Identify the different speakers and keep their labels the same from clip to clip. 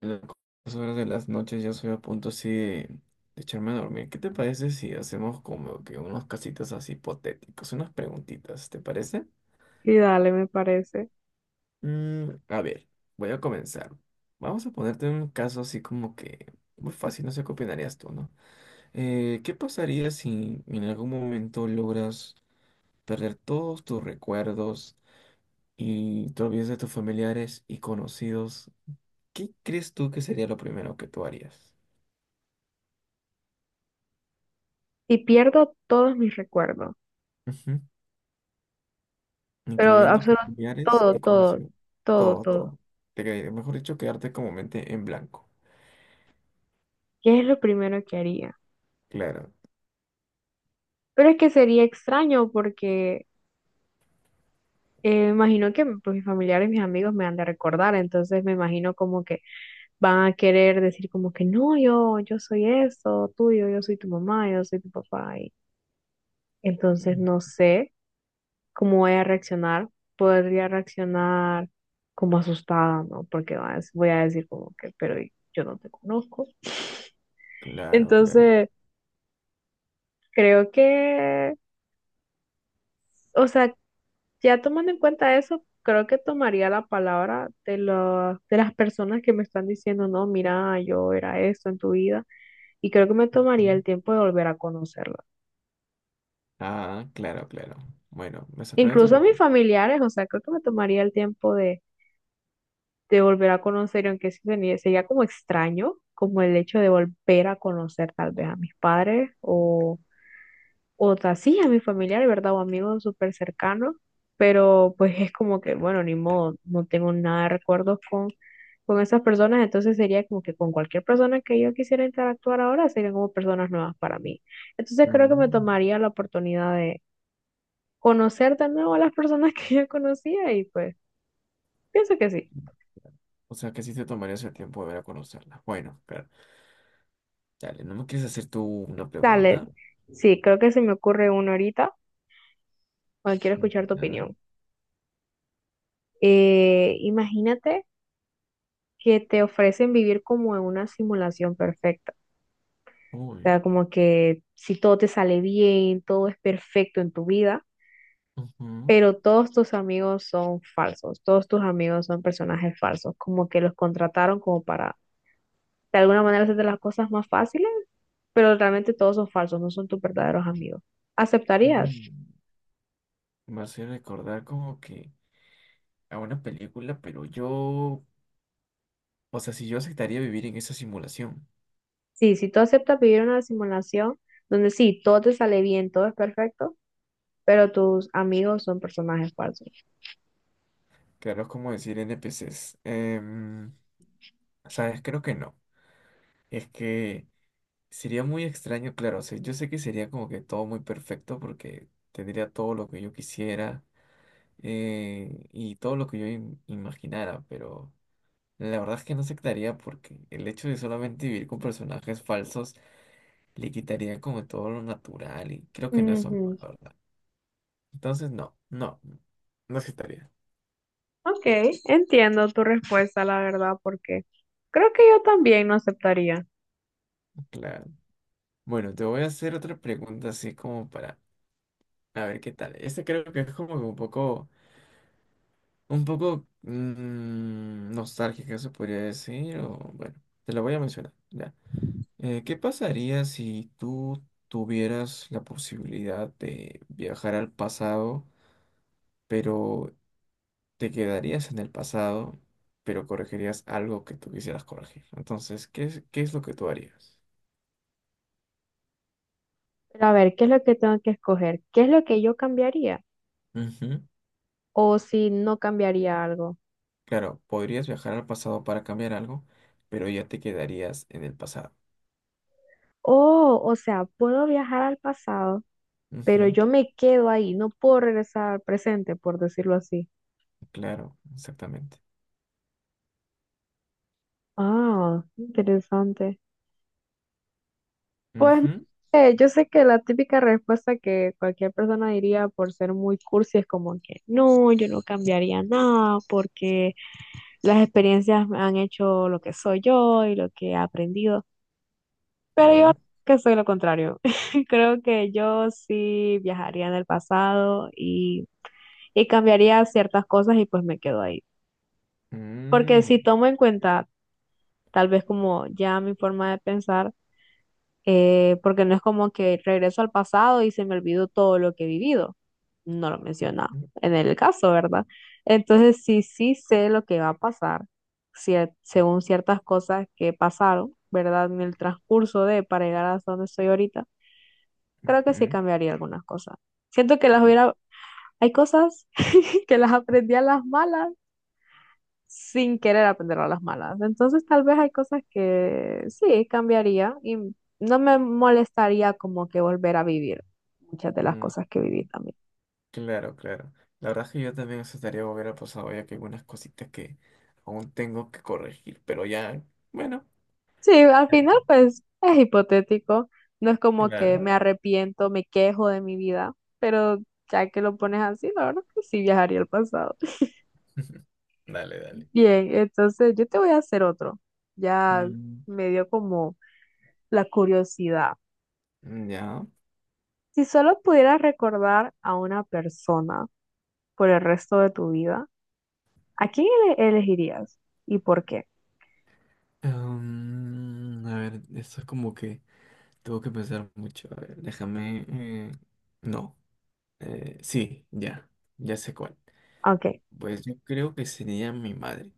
Speaker 1: Las horas de las noches ya soy a punto así de echarme a dormir. ¿Qué te parece si hacemos como que unos casitos así hipotéticos, unas preguntitas? ¿Te parece?
Speaker 2: Sí, dale, me parece.
Speaker 1: A ver, voy a comenzar. Vamos a ponerte un caso así como que muy fácil, no sé qué opinarías tú, ¿no? ¿Qué pasaría si en algún momento logras perder todos tus recuerdos y te olvidas de tus familiares y conocidos? ¿Qué crees tú que sería lo primero que tú harías?
Speaker 2: Y pierdo todos mis recuerdos, pero
Speaker 1: Incluyendo
Speaker 2: absolutamente
Speaker 1: familiares
Speaker 2: todo,
Speaker 1: y
Speaker 2: todo,
Speaker 1: conocidos.
Speaker 2: todo,
Speaker 1: Todo,
Speaker 2: todo.
Speaker 1: todo. Mejor dicho, quedarte como mente en blanco.
Speaker 2: ¿Qué es lo primero que haría?
Speaker 1: Claro.
Speaker 2: Pero es que sería extraño porque imagino que pues, mis familiares, mis amigos me han de recordar, entonces me imagino como que van a querer decir como que no, yo soy eso, tuyo, yo soy tu mamá, yo soy tu papá. Y entonces
Speaker 1: Mm.
Speaker 2: no sé cómo voy a reaccionar, podría reaccionar como asustada, ¿no? Porque voy a decir como que, pero yo no te conozco.
Speaker 1: Claro, claro.
Speaker 2: Entonces, creo que, o sea, ya tomando en cuenta eso, creo que tomaría la palabra de, de las personas que me están diciendo, no, mira, yo era esto en tu vida, y creo que me tomaría
Speaker 1: Mm.
Speaker 2: el tiempo de volver a conocerla.
Speaker 1: Ah, claro, claro. Bueno, me sorprende tu
Speaker 2: Incluso a mis
Speaker 1: pregunta.
Speaker 2: familiares, o sea, creo que me tomaría el tiempo de volver a conocer, y aunque sí sería, sería como extraño, como el hecho de volver a conocer tal vez a mis padres o, sí, a mi familiar, ¿verdad? O amigos súper cercanos, pero pues es como que, bueno, ni modo, no tengo nada de recuerdos con esas personas, entonces sería como que con cualquier persona que yo quisiera interactuar ahora serían como personas nuevas para mí. Entonces creo que me
Speaker 1: Mm.
Speaker 2: tomaría la oportunidad de conocer de nuevo a las personas que yo conocía y pues pienso que sí.
Speaker 1: O sea, que sí te tomarías el tiempo de ver a conocerla. Bueno, claro. Dale, ¿no me quieres hacer tú una
Speaker 2: Dale,
Speaker 1: pregunta?
Speaker 2: sí, creo que se me ocurre uno ahorita, cuando quiero
Speaker 1: Mm,
Speaker 2: escuchar tu
Speaker 1: ¿Nada?
Speaker 2: opinión. Imagínate que te ofrecen vivir como en una simulación perfecta, o
Speaker 1: Uy.
Speaker 2: sea, como que si todo te sale bien, todo es perfecto en tu vida,
Speaker 1: Ujú.
Speaker 2: pero todos tus amigos son falsos, todos tus amigos son personajes falsos, como que los contrataron como para de alguna manera hacerte las cosas más fáciles, pero realmente todos son falsos, no son tus verdaderos amigos. ¿Aceptarías?
Speaker 1: Mm. Me hace recordar como que a una película, pero yo, o sea, si yo aceptaría vivir en esa simulación.
Speaker 2: Sí, si tú aceptas vivir una simulación donde sí, todo te sale bien, todo es perfecto, pero tus amigos son personajes falsos.
Speaker 1: Claro, es como decir NPCs. ¿Sabes? Creo que no. Es que sería muy extraño, claro. O sea, yo sé que sería como que todo muy perfecto porque tendría todo lo que yo quisiera y todo lo que yo imaginara, pero la verdad es que no aceptaría porque el hecho de solamente vivir con personajes falsos le quitaría como todo lo natural y creo que no es lo mejor,
Speaker 2: Ujú.
Speaker 1: la verdad. Entonces, no, no, no aceptaría.
Speaker 2: Ok, entiendo tu respuesta, la verdad, porque creo que yo también no aceptaría.
Speaker 1: Claro. Bueno, te voy a hacer otra pregunta así como para a ver qué tal. Este creo que es como que un poco nostálgica, se podría decir. O bueno, te la voy a mencionar. Ya. ¿Qué pasaría si tú tuvieras la posibilidad de viajar al pasado, pero te quedarías en el pasado, pero corregirías algo que tú quisieras corregir? Entonces, qué es lo que tú harías?
Speaker 2: Pero a ver, ¿qué es lo que tengo que escoger? ¿Qué es lo que yo cambiaría?
Speaker 1: Ujú.
Speaker 2: O si no cambiaría algo.
Speaker 1: Claro, podrías viajar al pasado para cambiar algo, pero ya te quedarías en el pasado.
Speaker 2: Oh, o sea, puedo viajar al pasado, pero
Speaker 1: Ujú.
Speaker 2: yo me quedo ahí, no puedo regresar al presente, por decirlo así.
Speaker 1: Claro, exactamente.
Speaker 2: Ah, interesante. Pues
Speaker 1: Ujú,
Speaker 2: yo sé que la típica respuesta que cualquier persona diría por ser muy cursi es como que no, yo no cambiaría nada porque las experiencias me han hecho lo que soy yo y lo que he aprendido. Pero yo
Speaker 1: claro.
Speaker 2: creo que soy lo contrario. Creo que yo sí viajaría en el pasado y cambiaría ciertas cosas y pues me quedo ahí. Porque
Speaker 1: Mm,
Speaker 2: si tomo en cuenta tal vez como ya mi forma de pensar, porque no es como que regreso al pasado y se me olvidó todo lo que he vivido. No lo menciona
Speaker 1: ujú,
Speaker 2: en el caso, ¿verdad? Entonces sí, sí sé lo que va a pasar, según ciertas cosas que pasaron, ¿verdad? En el transcurso de para llegar hasta donde estoy ahorita, creo que sí
Speaker 1: ujú,
Speaker 2: cambiaría algunas cosas. Siento que las hubiera, hay cosas que las aprendí a las malas sin querer aprender a las malas. Entonces, tal vez hay cosas que sí cambiaría y no me molestaría como que volver a vivir muchas de las
Speaker 1: ujú,
Speaker 2: cosas que viví
Speaker 1: ujú.
Speaker 2: también.
Speaker 1: Claro, claro. La verdad es que yo también aceptaría volver al pasado, ya que hay algunas cositas que aún tengo que corregir, pero ya, bueno,
Speaker 2: Sí, al final, pues es hipotético. No es como que
Speaker 1: claro.
Speaker 2: me arrepiento, me quejo de mi vida, pero ya que lo pones así, la verdad que sí viajaría al pasado.
Speaker 1: Dale, dale.
Speaker 2: Bien, entonces yo te voy a hacer otro. Ya
Speaker 1: Mm,
Speaker 2: me dio como la curiosidad.
Speaker 1: ya.
Speaker 2: Si solo pudieras recordar a una persona, por el resto de tu vida, ¿a quién elegirías y por qué?
Speaker 1: A ver, esto es como que tengo que pensar mucho. A ver, déjame. No. Sí, ya. Ya sé cuál.
Speaker 2: Ok.
Speaker 1: Pues yo creo que sería mi madre.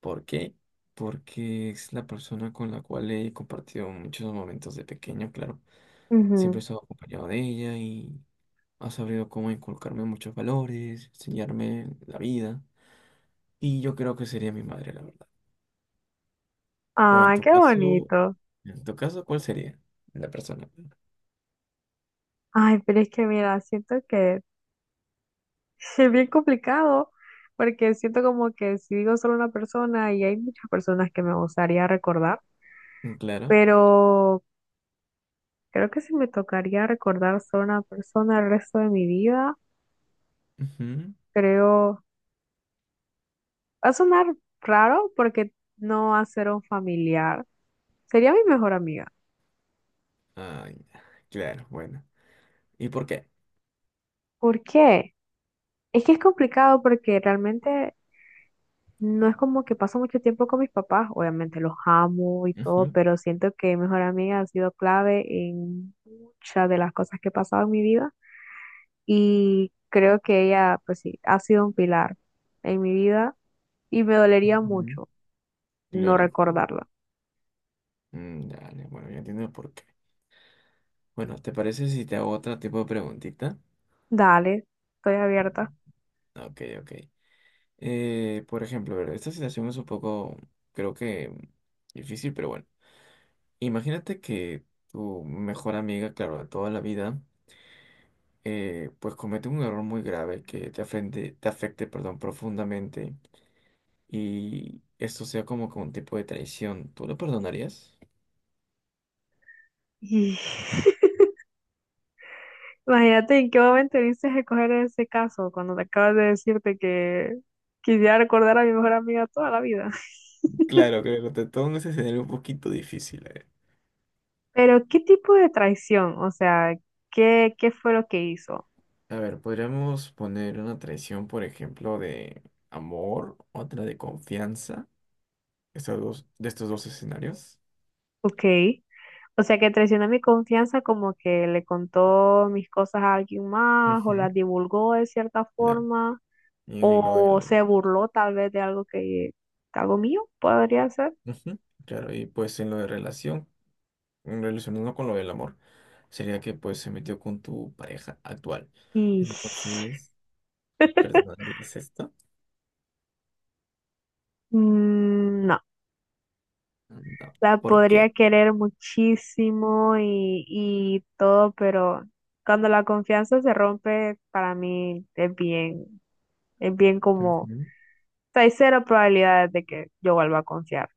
Speaker 1: ¿Por qué? Porque es la persona con la cual he compartido muchos momentos de pequeño, claro. Siempre he
Speaker 2: Ujú.
Speaker 1: estado acompañado de ella y ha sabido cómo inculcarme muchos valores, enseñarme la vida. Y yo creo que sería mi madre, la verdad. O
Speaker 2: Ay, qué bonito.
Speaker 1: en tu caso, ¿cuál sería la persona?
Speaker 2: Ay, pero es que mira, siento que es bien complicado porque siento como que si digo solo una persona y hay muchas personas que me gustaría recordar,
Speaker 1: Mm. Claro.
Speaker 2: pero creo que si me tocaría recordar solo una persona el resto de mi vida,
Speaker 1: Ujú.
Speaker 2: creo, va a sonar raro porque no va a ser un familiar, sería mi mejor amiga.
Speaker 1: Ay, claro, bueno. ¿Y por qué?
Speaker 2: ¿Por qué? Es que es complicado porque realmente no es como que paso mucho tiempo con mis papás, obviamente los amo y todo,
Speaker 1: Ujú.
Speaker 2: pero siento que mejor amiga ha sido clave en muchas de las cosas que he pasado en mi vida y creo que ella, pues sí, ha sido un pilar en mi vida y me dolería
Speaker 1: Ujú.
Speaker 2: mucho no
Speaker 1: Claro, claro.
Speaker 2: recordarla.
Speaker 1: Mm. Dale, bueno, ya entiendo por qué. Bueno, ¿te parece si te hago otro tipo de preguntita?
Speaker 2: Dale, estoy abierta.
Speaker 1: Mm. Ok, ok. Por ejemplo, a ver, esta situación es un poco, creo que difícil, pero bueno. Imagínate que tu mejor amiga, claro, de toda la vida, pues comete un error muy grave que te afecte, perdón, profundamente y esto sea como que un tipo de traición. ¿Tú lo perdonarías?
Speaker 2: Y imagínate en qué momento viniste a coger ese caso cuando te acabas de decirte que quisiera recordar a mi mejor amiga toda la vida.
Speaker 1: Claro, creo que te todo un escenario un poquito difícil, eh.
Speaker 2: Pero, ¿qué tipo de traición? O sea, ¿qué, qué fue lo que hizo?
Speaker 1: A ver, podríamos poner una traición, por ejemplo, de amor, otra de confianza, estos dos, de estos dos escenarios.
Speaker 2: Ok. O sea, que traicionó mi confianza como que le contó mis cosas a alguien más o
Speaker 1: Ujú.
Speaker 2: las divulgó de cierta
Speaker 1: Claro.
Speaker 2: forma
Speaker 1: Y en lo
Speaker 2: o
Speaker 1: del...
Speaker 2: se burló tal vez de algo que, algo mío podría ser.
Speaker 1: Ujú. Claro, y pues en lo de relación, en relacionando con lo del amor, sería que pues se metió con tu pareja actual.
Speaker 2: Y
Speaker 1: Entonces, ¿perdonarías esto?
Speaker 2: no,
Speaker 1: No.
Speaker 2: la
Speaker 1: ¿Por
Speaker 2: podría
Speaker 1: qué?
Speaker 2: querer muchísimo y todo, pero cuando la confianza se rompe, para mí es bien como
Speaker 1: Ujú,
Speaker 2: sea, hay cero probabilidades de que yo vuelva a confiar.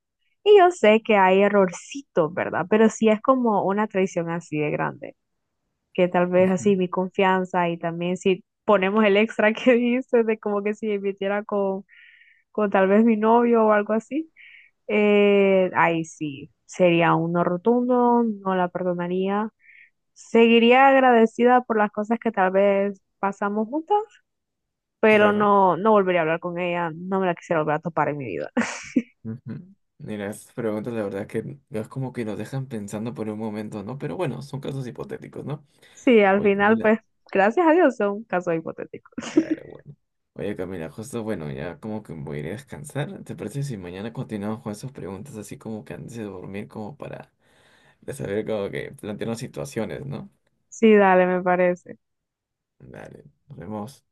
Speaker 2: Y yo sé que hay errorcitos, ¿verdad? Pero sí es como una traición así de grande, que tal vez
Speaker 1: ujú.
Speaker 2: así mi confianza y también si ponemos el extra que dices de como que si me metiera con tal vez mi novio o algo así, ahí sí, sería un no rotundo, no la perdonaría. Seguiría agradecida por las cosas que tal vez pasamos juntas, pero
Speaker 1: Claro.
Speaker 2: no, no volvería a hablar con ella, no me la quisiera volver a topar en mi vida.
Speaker 1: Ujú. Mira, estas preguntas la verdad que es como que nos dejan pensando por un momento, ¿no? Pero bueno, son casos hipotéticos, ¿no?
Speaker 2: Sí, al
Speaker 1: Oye,
Speaker 2: final,
Speaker 1: mira,
Speaker 2: pues, gracias a Dios son casos hipotéticos.
Speaker 1: claro, bueno. Oye, Camila, justo, bueno, ya como que voy a ir a descansar. ¿Te parece si mañana continuamos con esas preguntas así como que antes de dormir, como para saber como que plantearnos situaciones, ¿no?
Speaker 2: Sí, dale, me parece.
Speaker 1: Dale, nos vemos.